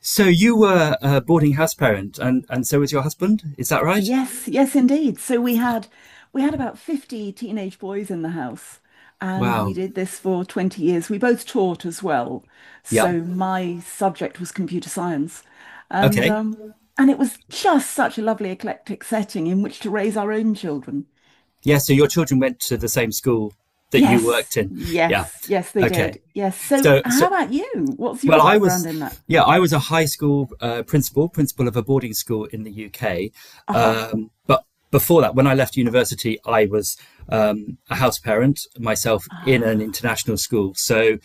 So you were a boarding house parent, and so was your husband. Is that right? Yes, yes, indeed. So we had about 50 teenage boys in the house, and we Wow. did this for 20 years. We both taught as well. Yeah. So my subject was computer science. And Okay. um and it was just such a lovely eclectic setting in which to raise our own children. Yeah. So your children went to the same school that you Yes, worked in. Yeah. yes, yes, they Okay. did. Yes. So So so how about you? What's Well, your I was, background in that? yeah, I was a high school principal of a boarding school in the UK. Aha. But before that, when I left university, I was a house parent myself in Ah. an international school. So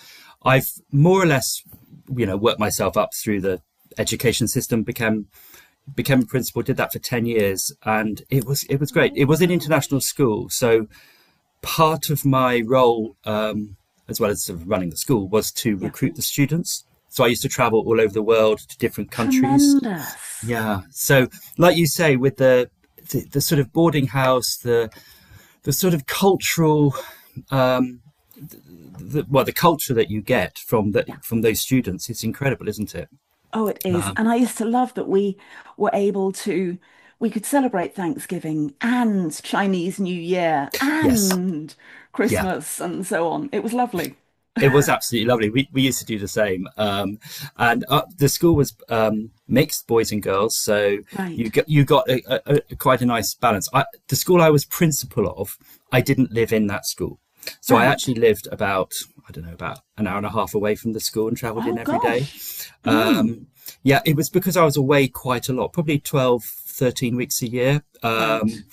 I've more or less, worked myself up through the education system. Became a principal, did that for 10 years, and it was great. It Oh was an international gosh. school, so part of my role, as well as sort of running the school, was to Yeah. recruit the students. So I used to travel all over the world to different countries. Tremendous. Yeah. So, like you say, with the sort of boarding house, the sort of cultural, um, the, well, the culture that you get from the Yeah. from those students, it's incredible, isn't it? Oh, it is. Um, And I used to love that we were able to, we could celebrate Thanksgiving and Chinese New Year yes. and Yeah. Christmas and so on. It was lovely. It was absolutely lovely. We used to do the same. And the school was mixed boys and girls. So you Right, got, you got quite a nice balance. The school I was principal of, I didn't live in that school. So I right. actually lived about, I don't know, about an hour and a half away from the school and traveled in Oh, every day. gosh. Mm, Um, yeah, it was because I was away quite a lot, probably 12, 13 weeks a year. right.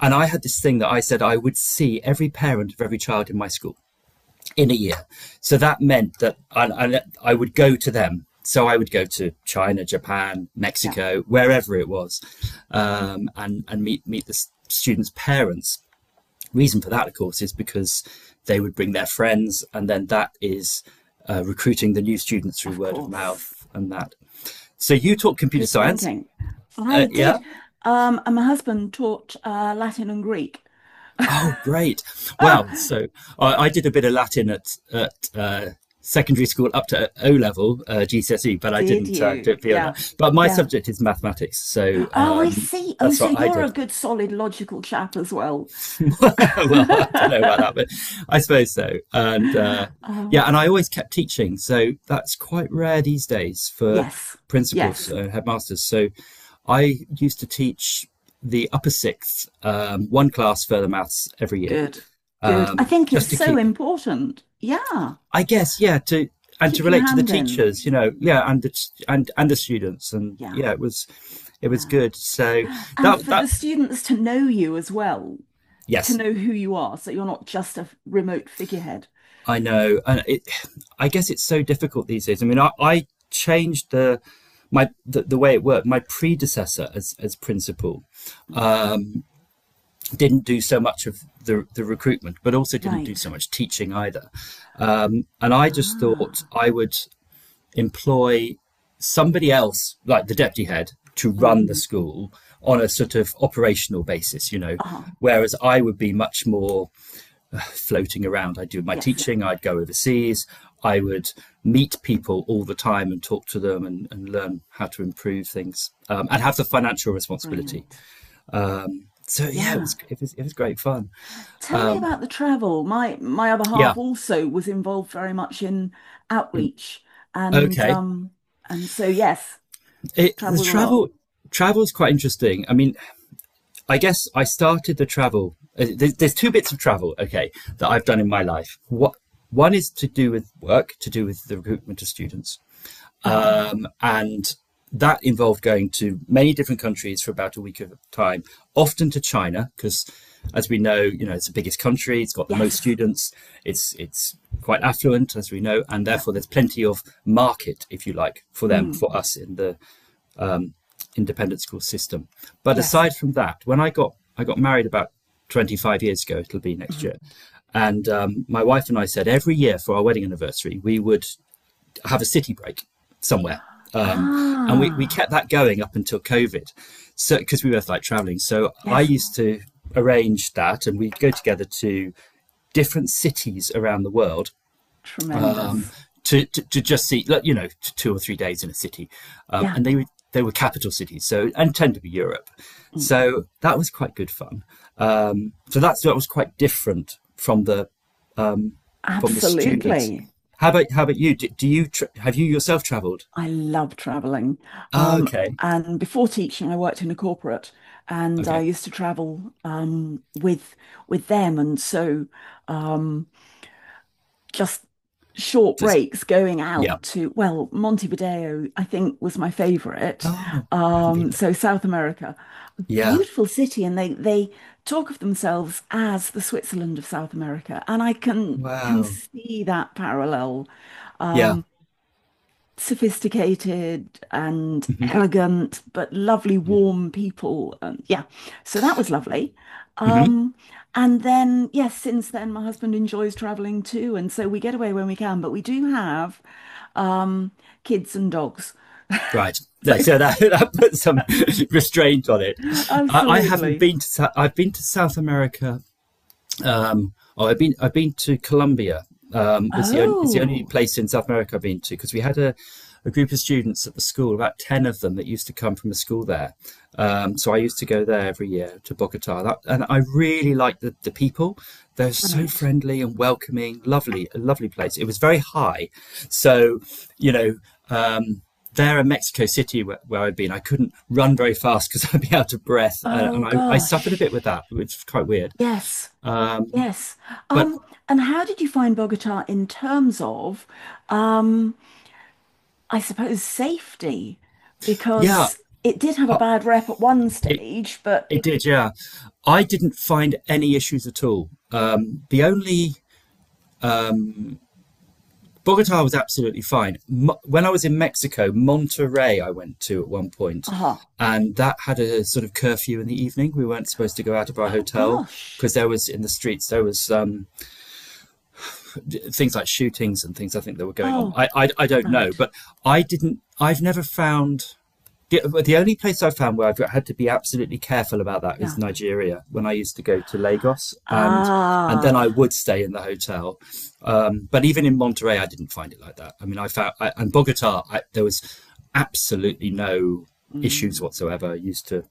And I had this thing that I said I would see every parent of every child in my school in a year. So that meant that I would go to them. So I would go to China, Japan, Yeah, Mexico, wherever it was, and meet the students' parents. Reason for that, of course, is because they would bring their friends, and then that is recruiting the new students through of word of mouth course. and that. So you taught computer Good science, thinking. I yeah? did. And my husband taught Latin and Greek. Oh, great. Well, so I did a bit of Latin at secondary school up to O level GCSE, but I Did didn't do you? it beyond Yeah, that. But my yeah. subject is mathematics, so Oh, I see. Oh, that's so what I you're a did. good, solid, logical chap as well. Well, I don't know about that, but I suppose so. And yeah, Um, and I always kept teaching, so that's quite rare these days for yes, principals, yes, headmasters. So I used to teach the upper sixth, one class further maths every year good, good. I think it's just to so keep it. important. Yeah, I guess, yeah, to and to keep your relate to the hand in. teachers, yeah, and the students, and Yeah, yeah, it was yeah. good. So And that for that the students to know you as well, to yes, know who you are, so you're not just a remote figurehead. I know, and I guess it's so difficult these days. I mean, I changed the way it worked. My predecessor as principal Mm, didn't do so much of the recruitment, but also didn't do so right. much teaching either. And I just thought Ah. I would employ somebody else, like the deputy head, to Mm. run the school on a sort of operational basis, Ah, whereas I would be much more floating around. I'd do my yes, teaching, I'd go overseas, I would meet people all the time and talk to them and learn how to improve things and have the financial responsibility. brilliant. So yeah, it Yeah. was, it was it was great fun. Tell me about the travel. My other Yeah. half also was involved very much in outreach and Okay. um and so yes, The traveled a lot. travel is quite interesting. I mean, I guess I started the travel. There's two bits of travel, okay, that I've done in my life. What One is to do with work, to do with the recruitment of students, Uh, and that involved going to many different countries for about a week of time, often to China, because as we know, it's the biggest country, it's got the most yes. students, it's quite affluent, as we know, and Yeah. therefore there's plenty of market, if you like, for them, Mm, for us in the independent school system. But yes. aside from that, when I got married about 25 years ago, it'll be next Mhm. year, and my wife and I said every year for our wedding anniversary we would have a city break somewhere, um, and we kept Ah, that going up until COVID, so because we both like traveling. So I yes. used to arrange that, and we'd go together to different cities around the world um, Tremendous. to just see, like, 2 or 3 days in a city, Yeah. and they were capital cities, so and tend to be Europe. Mm, So that was quite good fun. So that was quite different from the students. absolutely. How about you? Have you yourself travelled? I love traveling. Oh, Um, okay, and before teaching, I worked in a corporate and I okay, used to travel with them and so um just short just breaks going yeah. out to, well, Montevideo, I think was my favorite. Oh, I haven't been there. So South America, Yeah. beautiful city, and they talk of themselves as the Switzerland of South America, and I can Wow. see that parallel. Yeah. Um, Sophisticated and Hmm. elegant, but lovely, Yeah. warm people. Yeah, so that was lovely. Hmm. Um, and then, yes, since then, my husband enjoys traveling too, and so we get away when we can. But we do have um, kids and dogs. Right. So, Yeah, so that, that puts some restraint on it. I haven't absolutely. been to I've been to South America oh, I've been to Colombia. It's the only Oh, place in South America I've been to because we had a group of students at the school, about ten of them that used to come from a school there. So I used to go there every year to Bogota, and I really liked the people. They're so right. friendly and welcoming, lovely, a lovely place. It was very high, so you know. Um, there in Mexico City where I'd been, I couldn't run Yeah. very fast because I'd be out of breath, and Oh I suffered a bit with gosh. that, which is quite weird. Yes. Um, Yes. but Um, and how did you find Bogota in terms of um, I suppose safety, yeah, because it did have a bad rep at one it stage, but it did. Yeah, I didn't find any issues at all. The only Bogota was absolutely fine. When I was in Mexico, Monterrey I went to at one point, ah, and that had a sort of curfew in the evening. We weren't supposed to go out of our oh hotel gosh. because there was in the streets there was things like shootings and things. I think that were going on. Oh, I don't know, right. but I didn't. I've never found. The, the only place I found where I've had to be absolutely careful about that is Yeah. Nigeria. When I used to go to Lagos, and then Ah, I would stay in the hotel. But even in Monterey, I didn't find it like that. I mean, I found I, and Bogota, I, there was absolutely no issues mm, whatsoever. I used to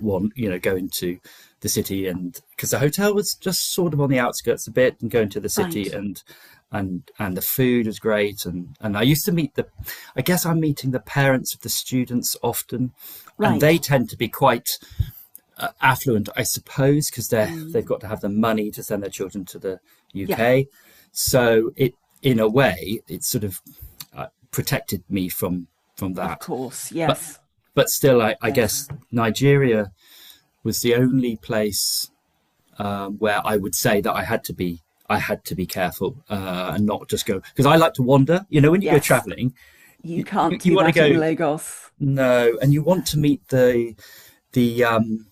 go into the city, and because the hotel was just sort of on the outskirts a bit, and go into the city, right, and and the food was great, and I used to meet I guess I'm meeting the parents of the students often. And they right. tend to be quite affluent, I suppose, because they've Mm, got to have the money to send their children to the yeah, UK. So it, in a way, it sort of protected me from of that. course. But Yes, but still, I yes, guess Nigeria was the only place where I would say that I had to be careful and not just go because I like to wander. You know, when you go yes. traveling, You you, can't you do want to that go, in Lagos. no, and you No. want to meet the um,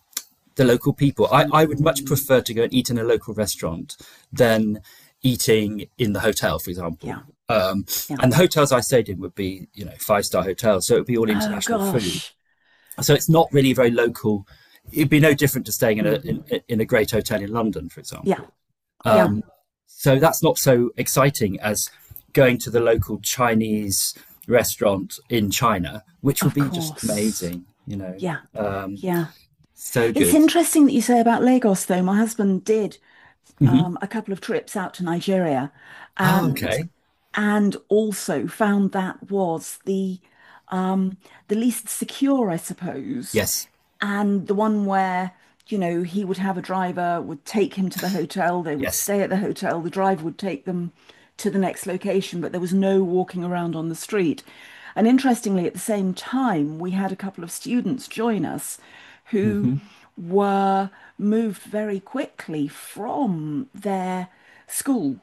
the local people. I would much Mm, prefer to go and eat in a local restaurant than eating in the hotel, for example. yeah, Um, yeah. and the hotels I stayed in would be five-star hotels, so it would be all Oh international food. gosh. So it's not really very local. It'd be no different to staying in Mm, in a great hotel in London, for yeah, example. yeah, So that's not so exciting as going to the local Chinese restaurant in China, which would of be just course. amazing. Yeah, Um, yeah. so It's good. interesting that you say about Lagos, though. My husband did Hmm. A couple of trips out to Nigeria, Oh, and okay. and also found that was um, the least secure, I suppose, Yes. and the one where, you know, he would have a driver, would take him to the hotel, they would Yes. stay at the hotel, the driver would take them to the next location, but there was no walking around on the street. And interestingly, at the same time, we had a couple of students join us who Hmm. were moved very quickly from their school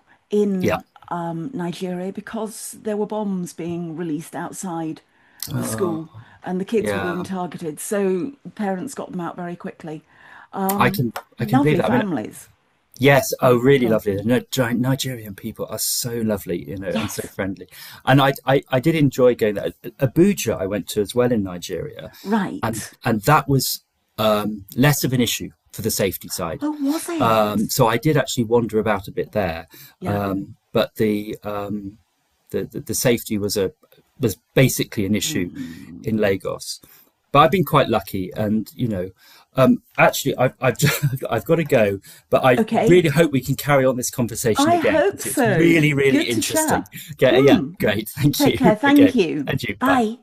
Yeah. in Nigeria because there were bombs being released outside the Uh, school, and the kids were yeah. being targeted. So parents got them out very quickly. I Um, can I can believe lovely that. I mean, families. yes, oh, Sorry, go really on. lovely. The Nigerian people are so lovely, and so Yes, friendly. And I did enjoy going there. Abuja, I went to as well in Nigeria, and right. and that was less of an issue for the safety side. Oh, was it? So I did actually wander about a bit there, Yeah. but the safety was a was basically an issue Hmm. in Lagos. But I've been quite lucky, actually, I've got to go, but I Okay. really hope we can carry on this conversation I again hope because it's so. really really Good to interesting. chat. Okay, yeah, Hmm. great, thank you. Take care. Okay, Thank you. and you, bye. Bye.